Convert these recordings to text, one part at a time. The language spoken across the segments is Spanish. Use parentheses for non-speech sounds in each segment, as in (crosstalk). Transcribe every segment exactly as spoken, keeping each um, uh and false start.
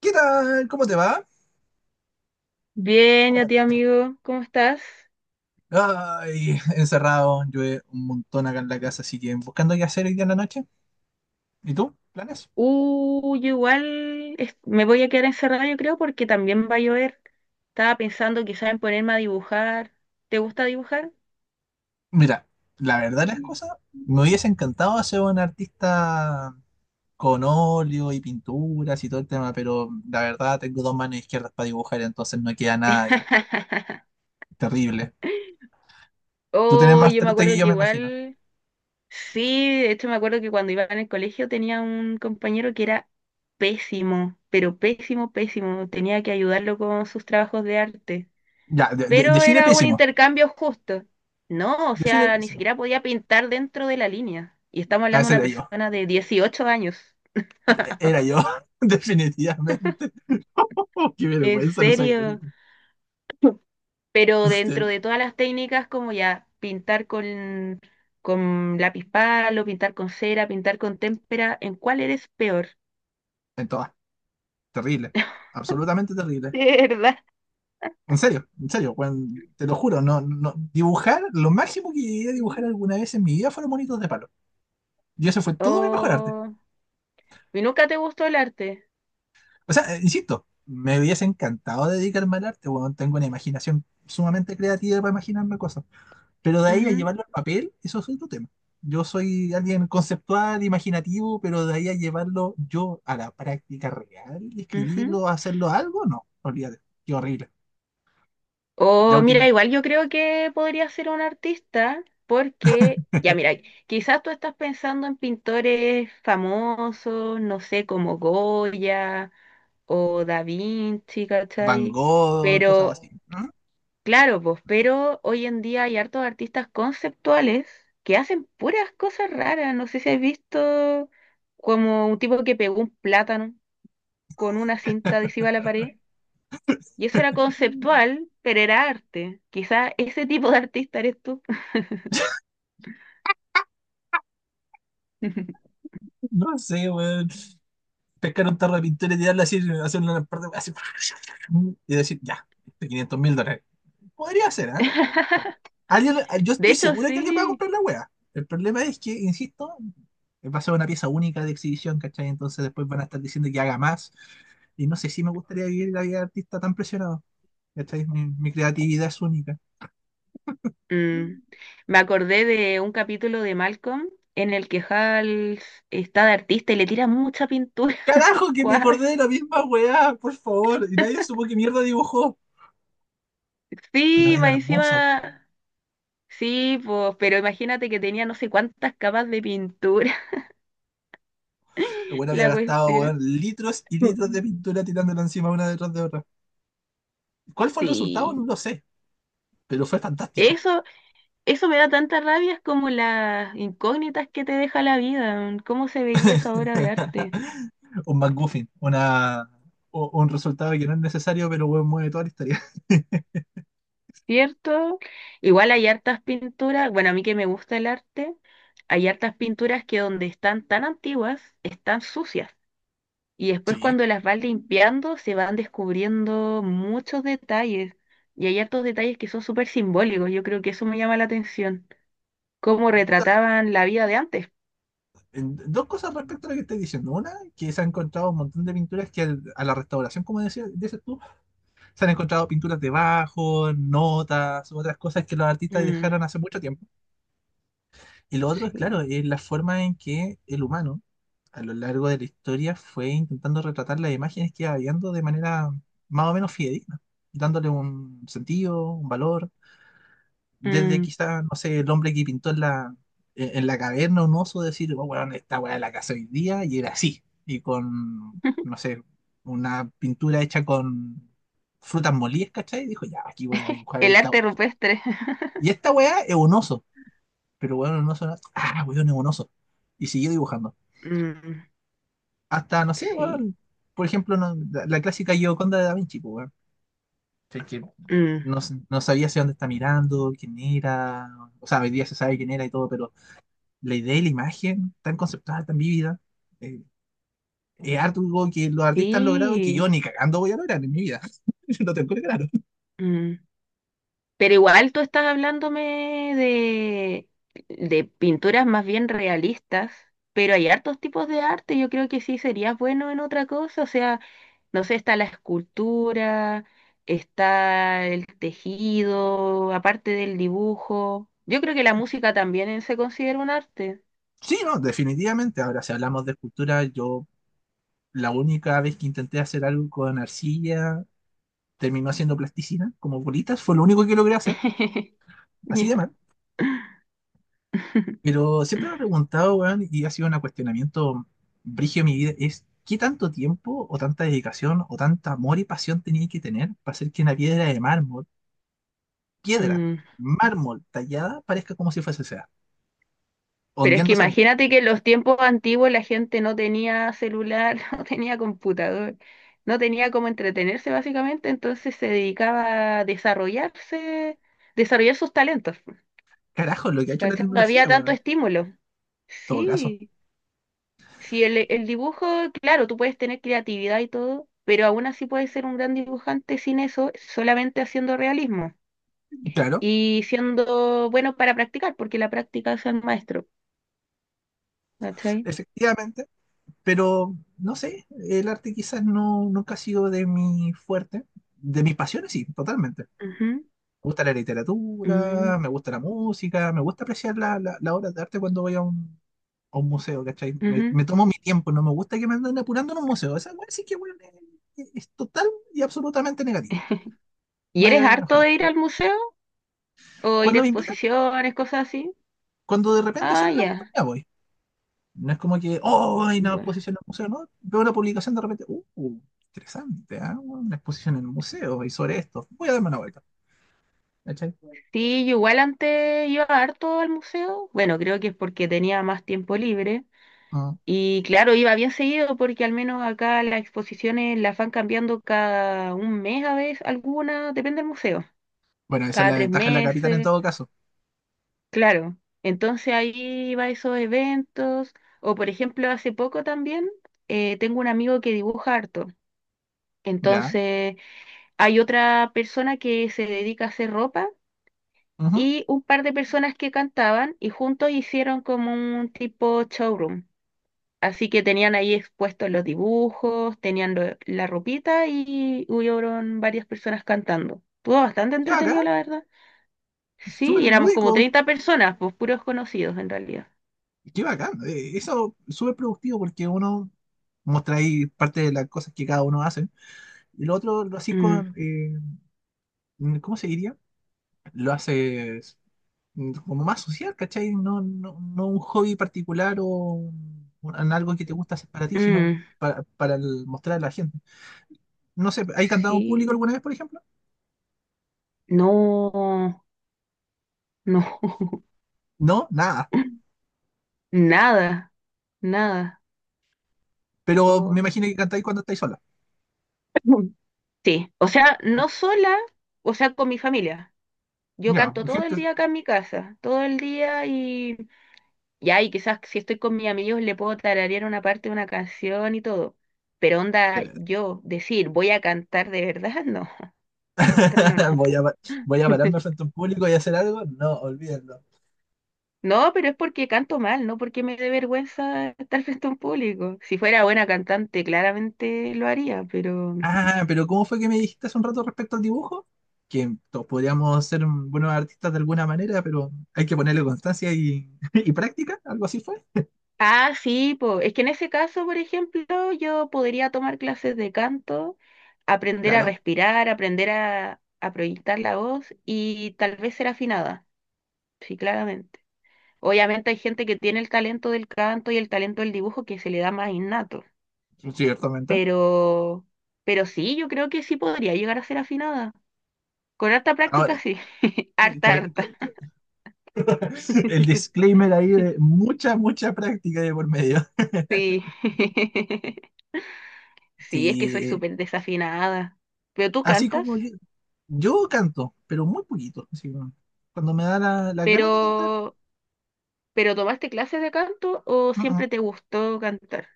¿Qué tal? ¿Cómo te va? Bien, a ti amigo, ¿cómo estás? Ay, encerrado, llueve un montón acá en la casa, así que buscando qué hacer hoy día en la noche. ¿Y tú? ¿Planes? Uh, yo igual es- me voy a quedar encerrada, yo creo, porque también va a llover. Estaba pensando quizás en ponerme a dibujar. ¿Te gusta dibujar? Mira, la verdad las cosas, me hubiese encantado ser un artista con óleo y pinturas y todo el tema, pero la verdad tengo dos manos izquierdas para dibujar, entonces no queda nada bien. (laughs) Terrible. Tú tenés Oh, más yo me talento que acuerdo yo, que me imagino. igual, sí, de hecho me acuerdo que cuando iba en el colegio tenía un compañero que era pésimo, pero pésimo, pésimo. Tenía que ayudarlo con sus trabajos de arte. Ya, de, de- Pero define era un pésimo. intercambio justo. No, o Define sea, ni pésimo. siquiera podía pintar dentro de la línea. Y estamos Ah, hablando de ese una era yo. persona de dieciocho años. Era yo, (laughs) definitivamente. Oh, qué En vergüenza, no soy el serio. único. (laughs) Pero dentro de todas las técnicas, como ya pintar con, con lápiz palo, pintar con cera, pintar con témpera, ¿en cuál eres peor? En todas. Terrible. Absolutamente (laughs) terrible. De verdad. En serio, en serio, weón, te lo juro, no, no, dibujar, lo máximo que llegué a dibujar Ujú. alguna vez en mi vida fueron monitos de palo. Y eso fue todo mi mejor arte. Oh, ¿y nunca te gustó el arte? O sea, eh, insisto, me hubiese encantado dedicarme al arte, weón, tengo una imaginación sumamente creativa para imaginarme cosas. Pero de ahí a Ujú, llevarlo al papel, eso es otro tema. Yo soy alguien conceptual, imaginativo, pero de ahí a llevarlo yo a la práctica real, ujú. escribirlo, hacerlo algo, no, olvídate, qué horrible. La O última mira, igual yo creo que podría ser un artista porque, ya mira, quizás tú estás pensando en pintores famosos, no sé, como Goya o Da Vinci, Van ¿cachai? Gogh, cosas así. Pero, claro, pues, pero hoy en día hay hartos artistas conceptuales que hacen puras cosas raras. No sé si has visto como un tipo que pegó un plátano con una cinta adhesiva a la pared. Y eso era Mm, conceptual, pero era arte. Quizás ese tipo de artista eres tú. (laughs) No sé, weón. Pescar un tarro de pintura y tirarla así, hacerle una parte así, y decir, ya, este quinientos mil dólares. Podría ser, ¿eh? Podría ser. Alguien, yo De estoy hecho, segura que alguien va a sí. comprar la wea. El problema es que, insisto, va a ser una pieza única de exhibición, ¿cachai? Entonces después van a estar diciendo que haga más. Y no sé si me gustaría vivir la vida de artista tan presionado. ¿Cachai? Mi, mi creatividad es única. Mm. Me acordé de un capítulo de Malcolm en el que Hal está de artista y le tira mucha pintura al Carajo, que me cuadro. acordé de la misma weá, por favor. Y nadie supo qué mierda dibujó. Pero Sí, era más hermoso. encima. Sí, pues, pero imagínate que tenía no sé cuántas capas de pintura El (laughs) bueno había la gastado, cuestión. weón, litros y litros de Mm. pintura tirándola encima una detrás de otra. ¿Cuál fue el resultado? Sí. No lo sé, pero fue fantástico. Eso Eso me da tanta rabia, es como las incógnitas que te deja la vida, mm, cómo se veía esa obra de arte, (laughs) Un McGuffin, una, o- un resultado que no es necesario, pero weón mueve toda la historia. (laughs) ¿cierto? Igual hay hartas pinturas, bueno, a mí que me gusta el arte, hay hartas pinturas que donde están tan antiguas, están sucias. Y después Sí. cuando las vas limpiando, se van descubriendo muchos detalles. Y hay hartos detalles que son súper simbólicos, yo creo que eso me llama la atención. Cómo Puta, retrataban la vida de antes. en- dos cosas respecto a lo que estoy diciendo. Una, que se han encontrado un montón de pinturas que al- a la restauración, como decía- dices tú, se han encontrado pinturas debajo, notas, otras cosas que los artistas Mm. dejaron hace mucho tiempo. Y lo otro, claro, Sí. es la forma en que el humano, a lo largo de la historia, fue intentando retratar las imágenes que iba viendo de manera más o menos fidedigna, dándole un sentido, un valor. Desde Mm. quizá, no sé, el hombre que pintó en la, en en la caverna un oso, decir, oh, bueno, esta weá la casa hoy día, y era así. Y con, no (laughs) sé, una pintura hecha con frutas molidas, ¿cachai? Dijo, ya, aquí voy a dibujar El esta arte weá. rupestre. Y esta weá es un oso. Pero bueno, un oso, no- ah, weón, es un oso. Y siguió dibujando. Mm, Hasta, no sé, sí, weón, por ejemplo, no- la, la clásica Gioconda de Da Vinci, pues, weón. mm, No, s- no sabía hacia dónde está mirando, quién era, o sea, hoy día se sabe quién era y todo, pero la idea y la imagen tan conceptual, tan vívida, eh, es algo que los artistas han logrado y que yo sí. ni cagando voy a lograr en mi vida. (laughs) No tengo claro. Mm. Pero igual tú estás hablándome de, de, pinturas más bien realistas, pero hay hartos tipos de arte, yo creo que sí serías bueno en otra cosa, o sea, no sé, está la escultura, está el tejido, aparte del dibujo. Yo creo que la música también se considera un arte. Sí, no, definitivamente. Ahora, si hablamos de escultura, yo la única vez que intenté hacer algo con arcilla terminó haciendo plasticina, como bolitas, fue lo único que logré hacer. (laughs) Así de Ya. mal. (laughs) Pero siempre me he preguntado, weón, y ha sido un cuestionamiento brígido en mi vida, es qué tanto tiempo o tanta dedicación o tanto amor y pasión tenía que tener para hacer que una piedra de mármol, piedra, Mm. mármol tallada, parezca como si fuese sea, Pero es que hundiéndose al imagínate que en los tiempos antiguos la gente no tenía celular, (laughs) no tenía computador, no tenía cómo entretenerse básicamente, entonces se dedicaba a desarrollarse, desarrollar sus talentos. carajo lo que ha hecho la ¿Cachai? No había tecnología, weón. tanto En estímulo. todo caso. Sí, sí, el, el dibujo, claro, tú puedes tener creatividad y todo, pero aún así puedes ser un gran dibujante sin eso, solamente haciendo realismo Claro, y siendo bueno para practicar, porque la práctica es el maestro. ¿Cachai? efectivamente. Pero no sé, el arte quizás no, nunca ha sido de mi fuerte, de mis pasiones, sí, totalmente Ujú, me gusta la ujú, literatura, me gusta la música, me gusta apreciar la, la, la obra de arte cuando voy a un, a un museo, ¿cachai? Me, ujú. me tomo mi tiempo, no me gusta que me anden apurando en un museo. Esa weá sí que weón, es, es total y absolutamente negativo. ¿Y Vaya eres bien harto enojado. de ir al museo o ir a Cuando me invitan, exposiciones, cosas así? cuando de repente Ah, sale la ya. oportunidad, voy. No es como que, oh, hay una Bueno. exposición en el museo, ¿no? Veo una publicación de repente, uh, uh, interesante, ¿ah? Weón, una exposición en el museo y sobre esto. Voy a darme una vuelta, ¿cachai? Sí, yo igual antes iba harto al museo. Bueno, creo que es porque tenía más tiempo libre. Ah. Y claro, iba bien seguido porque al menos acá las exposiciones las van cambiando cada un mes a veces, algunas, depende del museo. Bueno, esa es Cada la tres ventaja de la capital en meses, todo caso. claro. Entonces ahí iba a esos eventos. O por ejemplo, hace poco también eh, tengo un amigo que dibuja harto. Ya. Entonces... Hay otra persona que se dedica a hacer ropa Ujú. y un par de personas que cantaban y juntos hicieron como un tipo showroom. Así que tenían ahí expuestos los dibujos, tenían lo- la ropita y hubieron varias personas cantando. Estuvo bastante Yo acá entretenido, la verdad. Sí, súper y éramos como lúdico, treinta personas, pues puros conocidos en realidad. qué bacán. Eh, eso es súper productivo porque uno muestra ahí parte de las cosas que cada uno hace. Y lo otro lo haces Mm, con, eh, ¿cómo se diría? Lo haces mm, como más social, ¿cachai? No, no, no un hobby particular o un- en algo que te gusta hacer para ti, sino mm, para, para el- mostrar a la gente. No sé, ¿hay cantado en público sí, alguna vez, por ejemplo? no, no, No, nada. (laughs) nada, nada. Pero me Oh. imagino que cantáis cuando estáis sola. (laughs) Sí, o sea, no Como, sola, o sea, con mi familia. Yo ya, canto todo gente, el día acá en mi casa, todo el día y ya, y quizás si estoy con mis amigos le puedo tararear una parte de una canción y todo. Pero onda, yo decir, voy a cantar de verdad, no, (laughs) no, no, no. (laughs) Voy a, pa- voy a pararme frente (laughs) a un público y hacer algo. No, olvídenlo. No, pero es porque canto mal, no porque me dé vergüenza estar frente a un público. Si fuera buena cantante, claramente lo haría, pero Ah, pero ¿cómo fue que me dijiste hace un rato respecto al dibujo? Que to- podríamos ser buenos artistas de alguna manera, pero hay que ponerle constancia y, (laughs) y práctica. Algo así fue. ah, sí, po. Es que en ese caso, por ejemplo, yo podría tomar clases de canto, aprender a Claro, respirar, aprender a, a proyectar la voz y tal vez ser afinada, sí, claramente. Obviamente hay gente que tiene el talento del canto y el talento del dibujo que se le da más innato, ciertamente. pero, pero sí, yo creo que sí podría llegar a ser afinada. Con harta Ahora, práctica, sí. (laughs) eh, Harta, con- harta. con- (laughs) el (laughs) disclaimer ahí de mucha, mucha práctica de por medio. Sí. (laughs) Sí, es que soy Sí, súper desafinada. ¿Pero tú así cantas? como yo, yo canto, pero muy poquito. Así como cuando me da la- las ganas de cantar. Pero, pero ¿tomaste clases de canto o mm, mm. siempre te gustó cantar?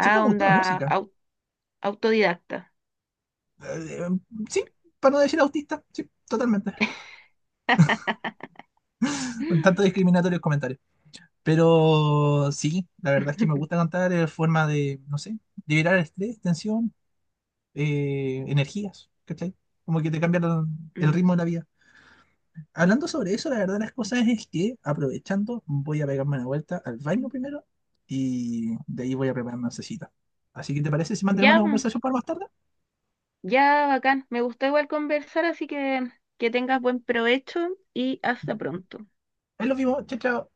Siempre me gustó la onda música. au- autodidacta. eh, sí, para no decir autista, sí, totalmente. Con tanto (laughs) discriminatorio el comentario. Pero sí, la verdad es que me gusta (gasps) cantar en forma de, no sé, liberar estrés, tensión, eh, energías, ¿cachai? Como que te cambia el, el Mm. ritmo de la vida. Hablando sobre eso, la verdad de las cosas es que, aprovechando, voy a pegarme una vuelta al baño primero y de ahí voy a preparar una cita. Así que, ¿te parece si mantenemos Ya, la mm, conversación para más tarde? ya, bacán. Me gustó igual conversar, así que que tengas buen provecho y hasta Dale. pronto. Ahí los vimos, chao, chao.